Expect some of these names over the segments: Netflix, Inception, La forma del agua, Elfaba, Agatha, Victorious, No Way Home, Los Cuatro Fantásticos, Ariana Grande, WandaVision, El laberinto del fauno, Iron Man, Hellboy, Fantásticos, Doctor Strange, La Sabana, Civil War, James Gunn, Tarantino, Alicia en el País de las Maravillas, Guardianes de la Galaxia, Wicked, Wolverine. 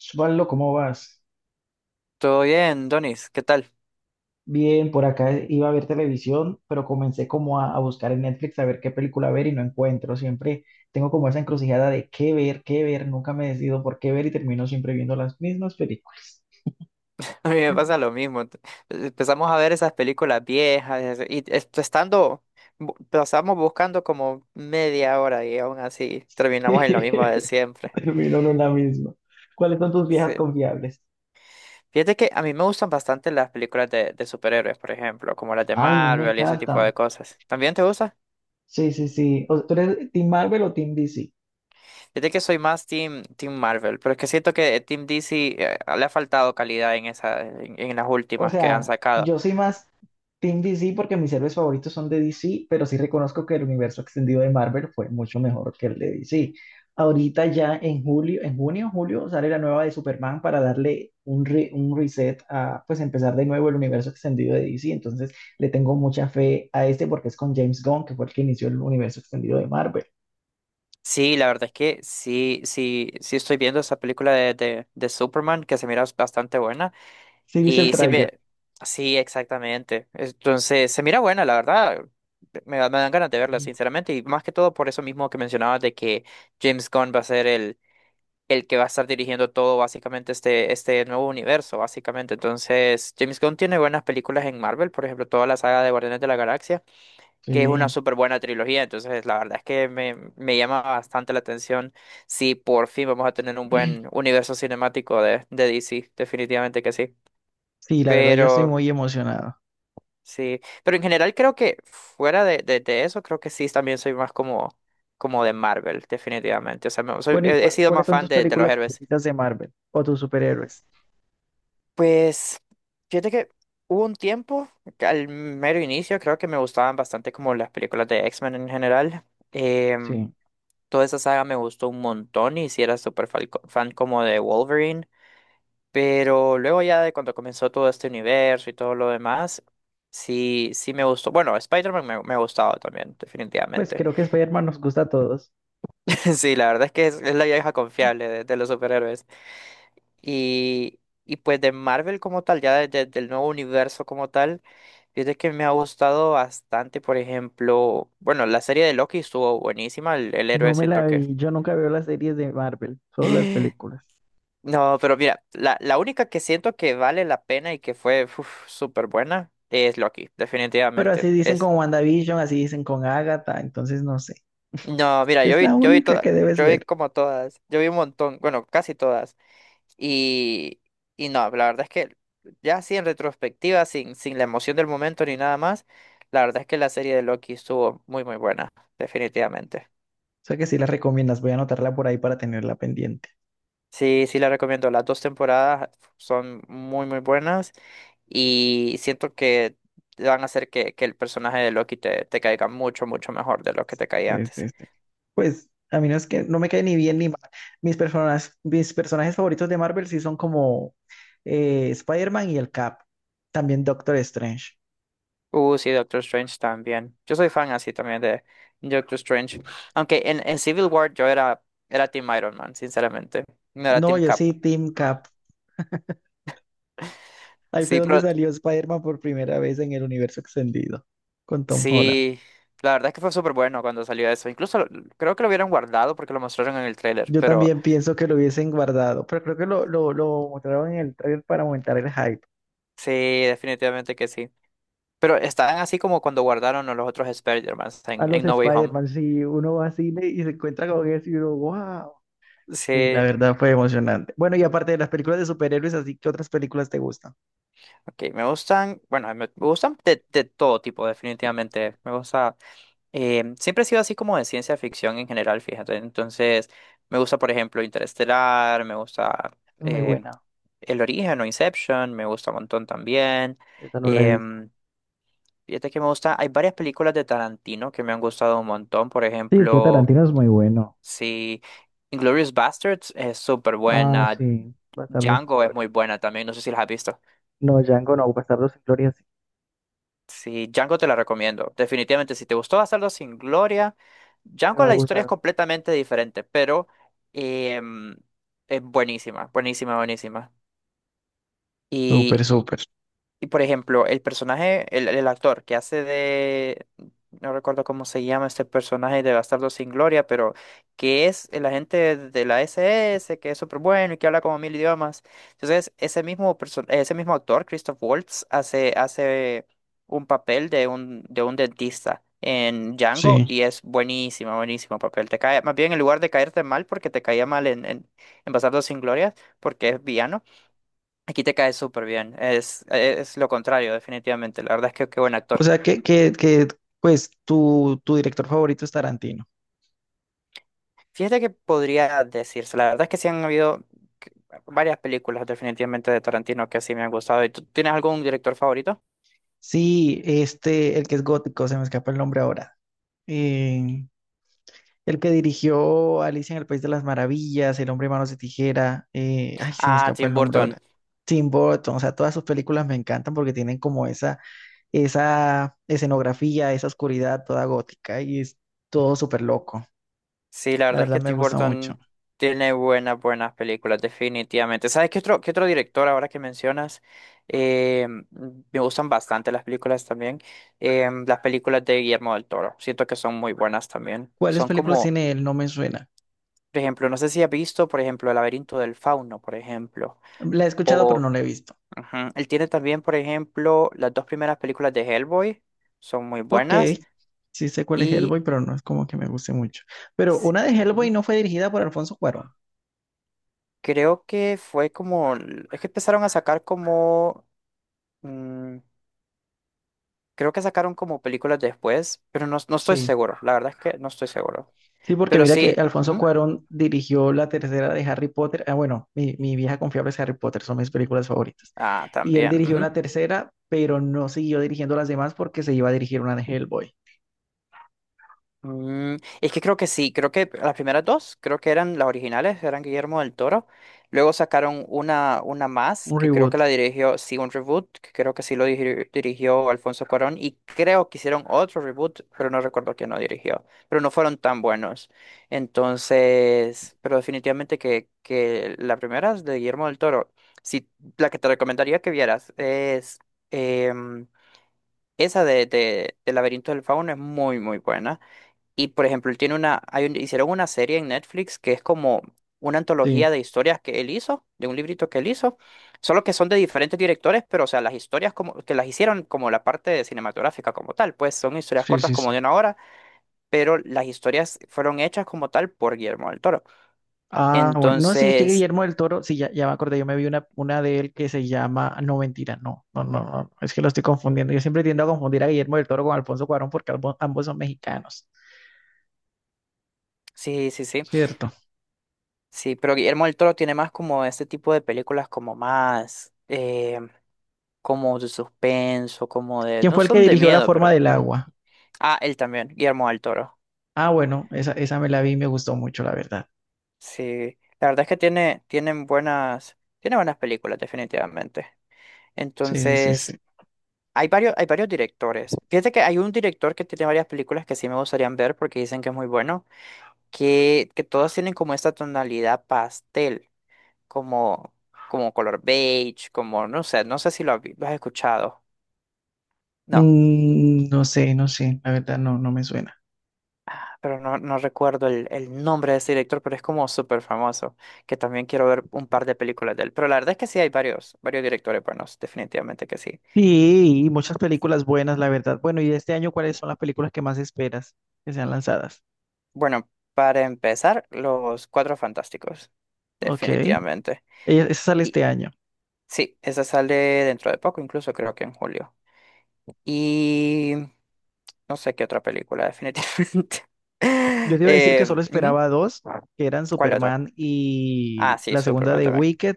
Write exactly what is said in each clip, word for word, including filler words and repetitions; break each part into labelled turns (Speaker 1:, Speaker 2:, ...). Speaker 1: Osvaldo, ¿cómo vas?
Speaker 2: Todo bien, Donis, ¿qué tal?
Speaker 1: Bien, por acá iba a ver televisión, pero comencé como a, a buscar en Netflix a ver qué película ver y no encuentro. Siempre tengo como esa encrucijada de qué ver, qué ver. Nunca me decido por qué ver y termino siempre viendo las mismas películas.
Speaker 2: A mí me pasa lo mismo. t- Empezamos a ver esas películas viejas es- y est- estando, bu- pasamos buscando como media hora y aún así terminamos en lo mismo de siempre.
Speaker 1: Termino en una misma. ¿Cuáles son tus viejas
Speaker 2: Sí.
Speaker 1: confiables?
Speaker 2: Fíjate que a mí me gustan bastante las películas de, de superhéroes, por ejemplo, como las de
Speaker 1: Ay, me
Speaker 2: Marvel y ese tipo
Speaker 1: encantan.
Speaker 2: de cosas. ¿También te gusta?
Speaker 1: Sí, sí, sí. O- ¿Tú eres Team Marvel o Team D C?
Speaker 2: Fíjate que soy más Team, team Marvel, pero es que siento que Team D C eh, le ha faltado calidad en esa, en en las
Speaker 1: O
Speaker 2: últimas que han
Speaker 1: sea,
Speaker 2: sacado.
Speaker 1: yo soy más Team D C porque mis héroes favoritos son de D C, pero sí reconozco que el universo extendido de Marvel fue mucho mejor que el de D C. Ahorita ya en julio, en junio, julio, sale la nueva de Superman para darle un, re- un reset a, pues, empezar de nuevo el universo extendido de D C. Entonces, le tengo mucha fe a este porque es con James Gunn, que fue el que inició el universo extendido de Marvel.
Speaker 2: Sí, la verdad es que sí, sí, sí estoy viendo esa película de, de, de Superman que se mira bastante buena.
Speaker 1: ¿Sí viste el
Speaker 2: Y sí
Speaker 1: tráiler?
Speaker 2: me, sí, exactamente. Entonces, se mira buena, la verdad. Me, da- me dan ganas de verla, sinceramente. Y más que todo por eso mismo que mencionabas de que James Gunn va a ser el, el que va a estar dirigiendo todo, básicamente, este, este nuevo universo, básicamente. Entonces, James Gunn tiene buenas películas en Marvel, por ejemplo, toda la saga de Guardianes de la Galaxia que es una
Speaker 1: Sí.
Speaker 2: súper buena trilogía, entonces la verdad es que me, me llama bastante la atención si por fin vamos a tener un buen universo cinemático de, de D C, definitivamente que sí,
Speaker 1: Sí, la verdad yo estoy
Speaker 2: pero
Speaker 1: muy emocionado.
Speaker 2: sí, pero en general creo que fuera de, de, de eso, creo que sí, también soy más como, como de Marvel, definitivamente, o sea, me- soy-
Speaker 1: Bueno, ¿y
Speaker 2: he, he
Speaker 1: cuál-
Speaker 2: sido
Speaker 1: cuáles
Speaker 2: más
Speaker 1: son
Speaker 2: fan
Speaker 1: tus
Speaker 2: de, de los
Speaker 1: películas
Speaker 2: héroes.
Speaker 1: favoritas de Marvel o tus superhéroes?
Speaker 2: Pues, fíjate que hubo un tiempo, que al mero inicio, creo que me gustaban bastante como las películas de X-Men en general. em,
Speaker 1: Sí,
Speaker 2: Toda esa saga me gustó un montón y sí era súper falco- fan como de Wolverine, pero luego ya de cuando comenzó todo este universo y todo lo demás, sí, sí me gustó. Bueno, Spider-Man me, me ha gustado también,
Speaker 1: pues
Speaker 2: definitivamente.
Speaker 1: creo que Spider-Man nos gusta a todos.
Speaker 2: Sí, la verdad es que es, es la vieja confiable de, de los superhéroes. Y, y pues de Marvel como tal, ya de- de- del nuevo universo como tal, fíjate que me ha gustado bastante, por ejemplo, bueno, la serie de Loki estuvo buenísima, el, el héroe
Speaker 1: No me
Speaker 2: siento
Speaker 1: la
Speaker 2: que...
Speaker 1: vi, yo nunca veo las series de Marvel, solo las películas.
Speaker 2: No, pero mira, la, la única que siento que vale la pena y que fue uf, súper buena es Loki,
Speaker 1: Pero así
Speaker 2: definitivamente.
Speaker 1: dicen
Speaker 2: Es,
Speaker 1: con WandaVision, así dicen con Agatha, entonces no sé.
Speaker 2: no, mira, yo
Speaker 1: Es la
Speaker 2: vi, yo vi
Speaker 1: única
Speaker 2: toda,
Speaker 1: que debes
Speaker 2: yo vi
Speaker 1: ver.
Speaker 2: como todas, yo vi un montón, bueno, casi todas. Y, y no, la verdad es que ya así en retrospectiva, sin, sin la emoción del momento ni nada más, la verdad es que la serie de Loki estuvo muy, muy buena, definitivamente.
Speaker 1: O sea que sí la recomiendas, voy a anotarla por ahí para tenerla pendiente.
Speaker 2: Sí, sí la recomiendo. Las dos temporadas son muy, muy buenas y siento que van a hacer que, que el personaje de Loki te, te caiga mucho, mucho mejor de lo que te caía
Speaker 1: Sí,
Speaker 2: antes.
Speaker 1: sí, sí. Pues a mí no es que no me cae ni bien ni mal. Mis personas, mis personajes favoritos de Marvel sí son como eh, Spider-Man y el Cap. También Doctor Strange.
Speaker 2: Uh, sí, Doctor Strange también. Yo soy fan así también de Doctor Strange. Aunque en, en Civil War yo era, era Team Iron Man, sinceramente. No era
Speaker 1: No,
Speaker 2: Team
Speaker 1: yo
Speaker 2: Cap.
Speaker 1: sí, Team Cap. Ahí fue
Speaker 2: Sí,
Speaker 1: donde
Speaker 2: pero
Speaker 1: salió Spider-Man por primera vez en el universo extendido con Tom Holland.
Speaker 2: sí, la verdad es que fue súper bueno cuando salió eso. Incluso lo- creo que lo hubieran guardado porque lo mostraron en el tráiler,
Speaker 1: Yo
Speaker 2: pero
Speaker 1: también pienso que lo hubiesen guardado, pero creo que lo, lo, lo mostraron en el trailer para aumentar el hype.
Speaker 2: sí, definitivamente que sí. Pero están así como cuando guardaron a los otros Spider-Man
Speaker 1: A
Speaker 2: en,
Speaker 1: los
Speaker 2: en No Way Home.
Speaker 1: Spider-Man, si uno va al cine y se encuentra con eso y uno, wow. Sí, la
Speaker 2: Sí,
Speaker 1: verdad fue emocionante. Bueno, y aparte de las películas de superhéroes, así que otras películas te gustan.
Speaker 2: ok, me gustan, bueno, me, me gustan de, de todo tipo, definitivamente. Me gusta, eh, siempre he sido así como de ciencia ficción en general, fíjate. Entonces, me gusta, por ejemplo, Interestelar, me gusta
Speaker 1: Es muy
Speaker 2: eh,
Speaker 1: buena.
Speaker 2: El Origen o Inception, me gusta un montón también.
Speaker 1: Esa no la he visto.
Speaker 2: Em, Fíjate que me gusta, hay varias películas de Tarantino que me han gustado un montón, por
Speaker 1: Sí, es que
Speaker 2: ejemplo.
Speaker 1: Tarantino es muy bueno.
Speaker 2: Sí, Inglourious Basterds es súper
Speaker 1: Ah,
Speaker 2: buena.
Speaker 1: sí. Bastardo sin
Speaker 2: Django es
Speaker 1: gloria.
Speaker 2: muy buena también, no sé si las has visto.
Speaker 1: No, Django no. Bastardo sin gloria sí.
Speaker 2: Sí, Django te la recomiendo. Definitivamente, si te gustó Bastardo sin Gloria,
Speaker 1: Me
Speaker 2: Django
Speaker 1: va a
Speaker 2: la
Speaker 1: gustar.
Speaker 2: historia es completamente diferente, pero em, es buenísima, buenísima, buenísima.
Speaker 1: Súper,
Speaker 2: Y
Speaker 1: súper.
Speaker 2: Y por ejemplo, el personaje, el, el actor que hace de, no recuerdo cómo se llama este personaje de Bastardo sin Gloria, pero que es el agente de la S S que es súper bueno y que habla como mil idiomas. Entonces, ese mismo, perso- ese mismo actor, Christoph Waltz, hace, hace un papel de un, de un dentista en Django
Speaker 1: Sí.
Speaker 2: y es buenísimo, buenísimo papel. Te cae, más bien en lugar de caerte mal, porque te caía mal en, en, en Bastardo sin Gloria, porque es villano. Aquí te cae súper bien. Es, es lo contrario, definitivamente. La verdad es que qué buen
Speaker 1: O
Speaker 2: actor.
Speaker 1: sea que, que, que pues tu, tu director favorito es Tarantino.
Speaker 2: Fíjate que podría decirse. La verdad es que sí han habido que- varias películas, definitivamente, de Tarantino que sí me han gustado. ¿Y tú tienes algún director favorito?
Speaker 1: Sí, este, el que es gótico, se me escapa el nombre ahora. Eh, el que dirigió Alicia en el País de las Maravillas, El Hombre de Manos de Tijera, eh, ay, se me
Speaker 2: Ah,
Speaker 1: escapa
Speaker 2: Tim
Speaker 1: el nombre
Speaker 2: Burton.
Speaker 1: ahora. Tim Burton, o sea, todas sus películas me encantan porque tienen como esa, esa escenografía, esa oscuridad toda gótica y es todo súper loco.
Speaker 2: Sí, la
Speaker 1: La
Speaker 2: verdad es
Speaker 1: verdad
Speaker 2: que
Speaker 1: me
Speaker 2: Tim
Speaker 1: gusta mucho.
Speaker 2: Burton tiene buenas, buenas películas, definitivamente. ¿Sabes qué otro, qué otro director ahora que mencionas? Eh, me gustan bastante las películas también. Eh, las películas de Guillermo del Toro. Siento que son muy buenas también.
Speaker 1: ¿Cuáles
Speaker 2: Son
Speaker 1: películas
Speaker 2: como
Speaker 1: tiene él? No me suena.
Speaker 2: por ejemplo, no sé si has visto, por ejemplo, El laberinto del fauno, por ejemplo.
Speaker 1: La he escuchado, pero
Speaker 2: O
Speaker 1: no la he visto.
Speaker 2: ujú, él tiene también, por ejemplo, las dos primeras películas de Hellboy, son muy
Speaker 1: Ok,
Speaker 2: buenas.
Speaker 1: sí sé cuál es
Speaker 2: Y
Speaker 1: Hellboy, pero no es como que me guste mucho. Pero
Speaker 2: sí,
Speaker 1: una de Hellboy
Speaker 2: ujú,
Speaker 1: no fue dirigida por Alfonso Cuarón.
Speaker 2: creo que fue como, es que empezaron a sacar como, mm, creo que sacaron como películas después, pero no, no estoy
Speaker 1: Sí.
Speaker 2: seguro, la verdad es que no estoy seguro.
Speaker 1: Sí, porque
Speaker 2: Pero
Speaker 1: mira que
Speaker 2: sí,
Speaker 1: Alfonso
Speaker 2: ujú,
Speaker 1: Cuarón dirigió la tercera de Harry Potter. Ah, bueno, mi, mi vieja confiable es Harry Potter, son mis películas favoritas.
Speaker 2: ah,
Speaker 1: Y él dirigió
Speaker 2: también.
Speaker 1: la tercera, pero no siguió dirigiendo las demás porque se iba a dirigir una de Hellboy,
Speaker 2: Mm, es que creo que sí, creo que las primeras dos, creo que eran las originales, eran Guillermo del Toro. Luego sacaron una, una más,
Speaker 1: un
Speaker 2: que creo que
Speaker 1: reboot.
Speaker 2: la dirigió, sí, un reboot, que creo que sí lo diri- dirigió Alfonso Cuarón. Y creo que hicieron otro reboot, pero no recuerdo quién lo dirigió. Pero no fueron tan buenos. Entonces, pero definitivamente que, que la primera es de Guillermo del Toro. Sí, la que te recomendaría que vieras es em, esa de, de, de Laberinto del Fauno, es muy, muy buena. Y por ejemplo, él tiene una, hay un- hicieron una serie en Netflix que es como una antología
Speaker 1: Sí,
Speaker 2: de historias que él hizo, de un librito que él hizo, solo que son de diferentes directores, pero o sea, las historias como que las hicieron como la parte de cinematográfica como tal, pues son historias
Speaker 1: sí,
Speaker 2: cortas
Speaker 1: sí,
Speaker 2: como
Speaker 1: sí.
Speaker 2: de una hora, pero las historias fueron hechas como tal por Guillermo del Toro.
Speaker 1: Ah, bueno, no, sí, es que
Speaker 2: Entonces,
Speaker 1: Guillermo del Toro, sí, ya, ya me acordé, yo me vi una, una de él que se llama, no, mentira, no, no, no, no, es que lo estoy confundiendo, yo siempre tiendo a confundir a Guillermo del Toro con Alfonso Cuarón porque albo- ambos son mexicanos,
Speaker 2: sí, sí, sí,
Speaker 1: ¿cierto?
Speaker 2: sí, pero Guillermo del Toro tiene más como este tipo de películas como más, eh, como de suspenso, como de,
Speaker 1: ¿Quién
Speaker 2: no
Speaker 1: fue el que
Speaker 2: son de
Speaker 1: dirigió La
Speaker 2: miedo,
Speaker 1: forma
Speaker 2: pero...
Speaker 1: del
Speaker 2: ujú.
Speaker 1: agua?
Speaker 2: Ah, él también, Guillermo del Toro.
Speaker 1: Ah, bueno, esa, esa me la vi y me gustó mucho, la verdad.
Speaker 2: Sí, la verdad es que tiene, tienen buenas, tiene buenas películas, definitivamente.
Speaker 1: Sí, sí,
Speaker 2: Entonces,
Speaker 1: sí.
Speaker 2: hay varios, hay varios directores. Fíjate que hay un director que tiene varias películas que sí me gustarían ver porque dicen que es muy bueno, que, que todas tienen como esta tonalidad pastel, como, como color beige, como, no sé, no sé si lo has, lo has escuchado. No,
Speaker 1: Mm, no sé, no sé, la verdad no, no me suena.
Speaker 2: pero no, no recuerdo el, el nombre de ese director, pero es como súper famoso, que también quiero ver un par de películas de él. Pero la verdad es que sí hay varios, varios directores buenos, definitivamente que sí.
Speaker 1: Sí, y muchas películas buenas, la verdad. Bueno, y de este año, ¿cuáles son las películas que más esperas que sean lanzadas?
Speaker 2: Bueno, para empezar, Los Cuatro Fantásticos,
Speaker 1: Ok,
Speaker 2: definitivamente.
Speaker 1: ella- esa sale
Speaker 2: Y
Speaker 1: este año.
Speaker 2: sí, esa sale dentro de poco, incluso creo que en julio. Y no sé qué otra película, definitivamente.
Speaker 1: Yo te iba a decir que
Speaker 2: Eh,
Speaker 1: solo
Speaker 2: ujú,
Speaker 1: esperaba dos, que eran
Speaker 2: ¿Cuál otra?
Speaker 1: Superman
Speaker 2: Ah,
Speaker 1: y
Speaker 2: sí,
Speaker 1: la segunda
Speaker 2: Superman
Speaker 1: de
Speaker 2: también.
Speaker 1: Wicked,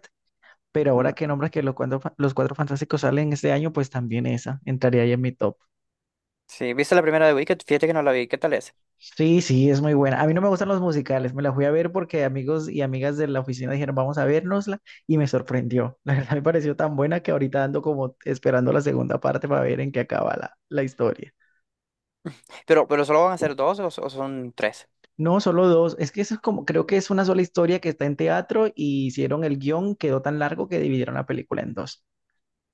Speaker 1: pero ahora que
Speaker 2: Mm.
Speaker 1: nombras que los cuatro, fa- los cuatro fantásticos salen este año, pues también esa entraría ahí en mi top.
Speaker 2: Sí, ¿viste la primera de Wicked? Fíjate que no la vi. ¿Qué tal es?
Speaker 1: Sí, sí, es muy buena. A mí no me gustan los musicales, me la fui a ver porque amigos y amigas de la oficina dijeron vamos a vernosla y me sorprendió. La verdad me pareció tan buena que ahorita ando como esperando la segunda parte para ver en qué acaba la, la historia.
Speaker 2: Pero, pero solo van a ser dos o, so- o son tres.
Speaker 1: No, solo dos. Es que eso es como, creo que es una sola historia que está en teatro y hicieron el guión, quedó tan largo que dividieron la película en dos.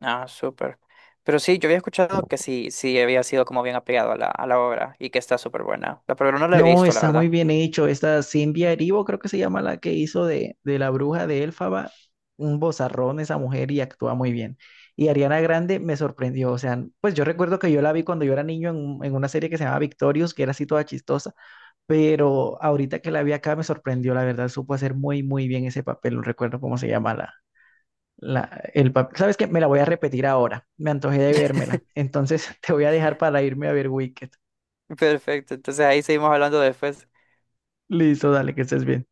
Speaker 2: Ah, súper. Pero sí, yo había escuchado que sí, sí había sido como bien apegado a la, a la obra y que está súper buena. La, pero no la he
Speaker 1: No,
Speaker 2: visto, la
Speaker 1: está muy
Speaker 2: verdad.
Speaker 1: bien hecho. Esta Cynthia Erivo, creo que se llama la que hizo de, de la bruja de Elfaba, un bozarrón esa mujer y actúa muy bien. Y Ariana Grande me sorprendió. O sea, pues yo recuerdo que yo la vi cuando yo era niño en, un- en una serie que se llamaba Victorious, que era así toda chistosa, pero ahorita que la vi acá me sorprendió, la verdad, supo hacer muy, muy bien ese papel. No recuerdo cómo se llama La, el papel. ¿Sabes qué? Me la voy a repetir ahora. Me antojé de vérmela. Entonces te voy a dejar para irme a ver Wicked.
Speaker 2: Perfecto, entonces ahí seguimos hablando después.
Speaker 1: Listo, dale, que estés bien.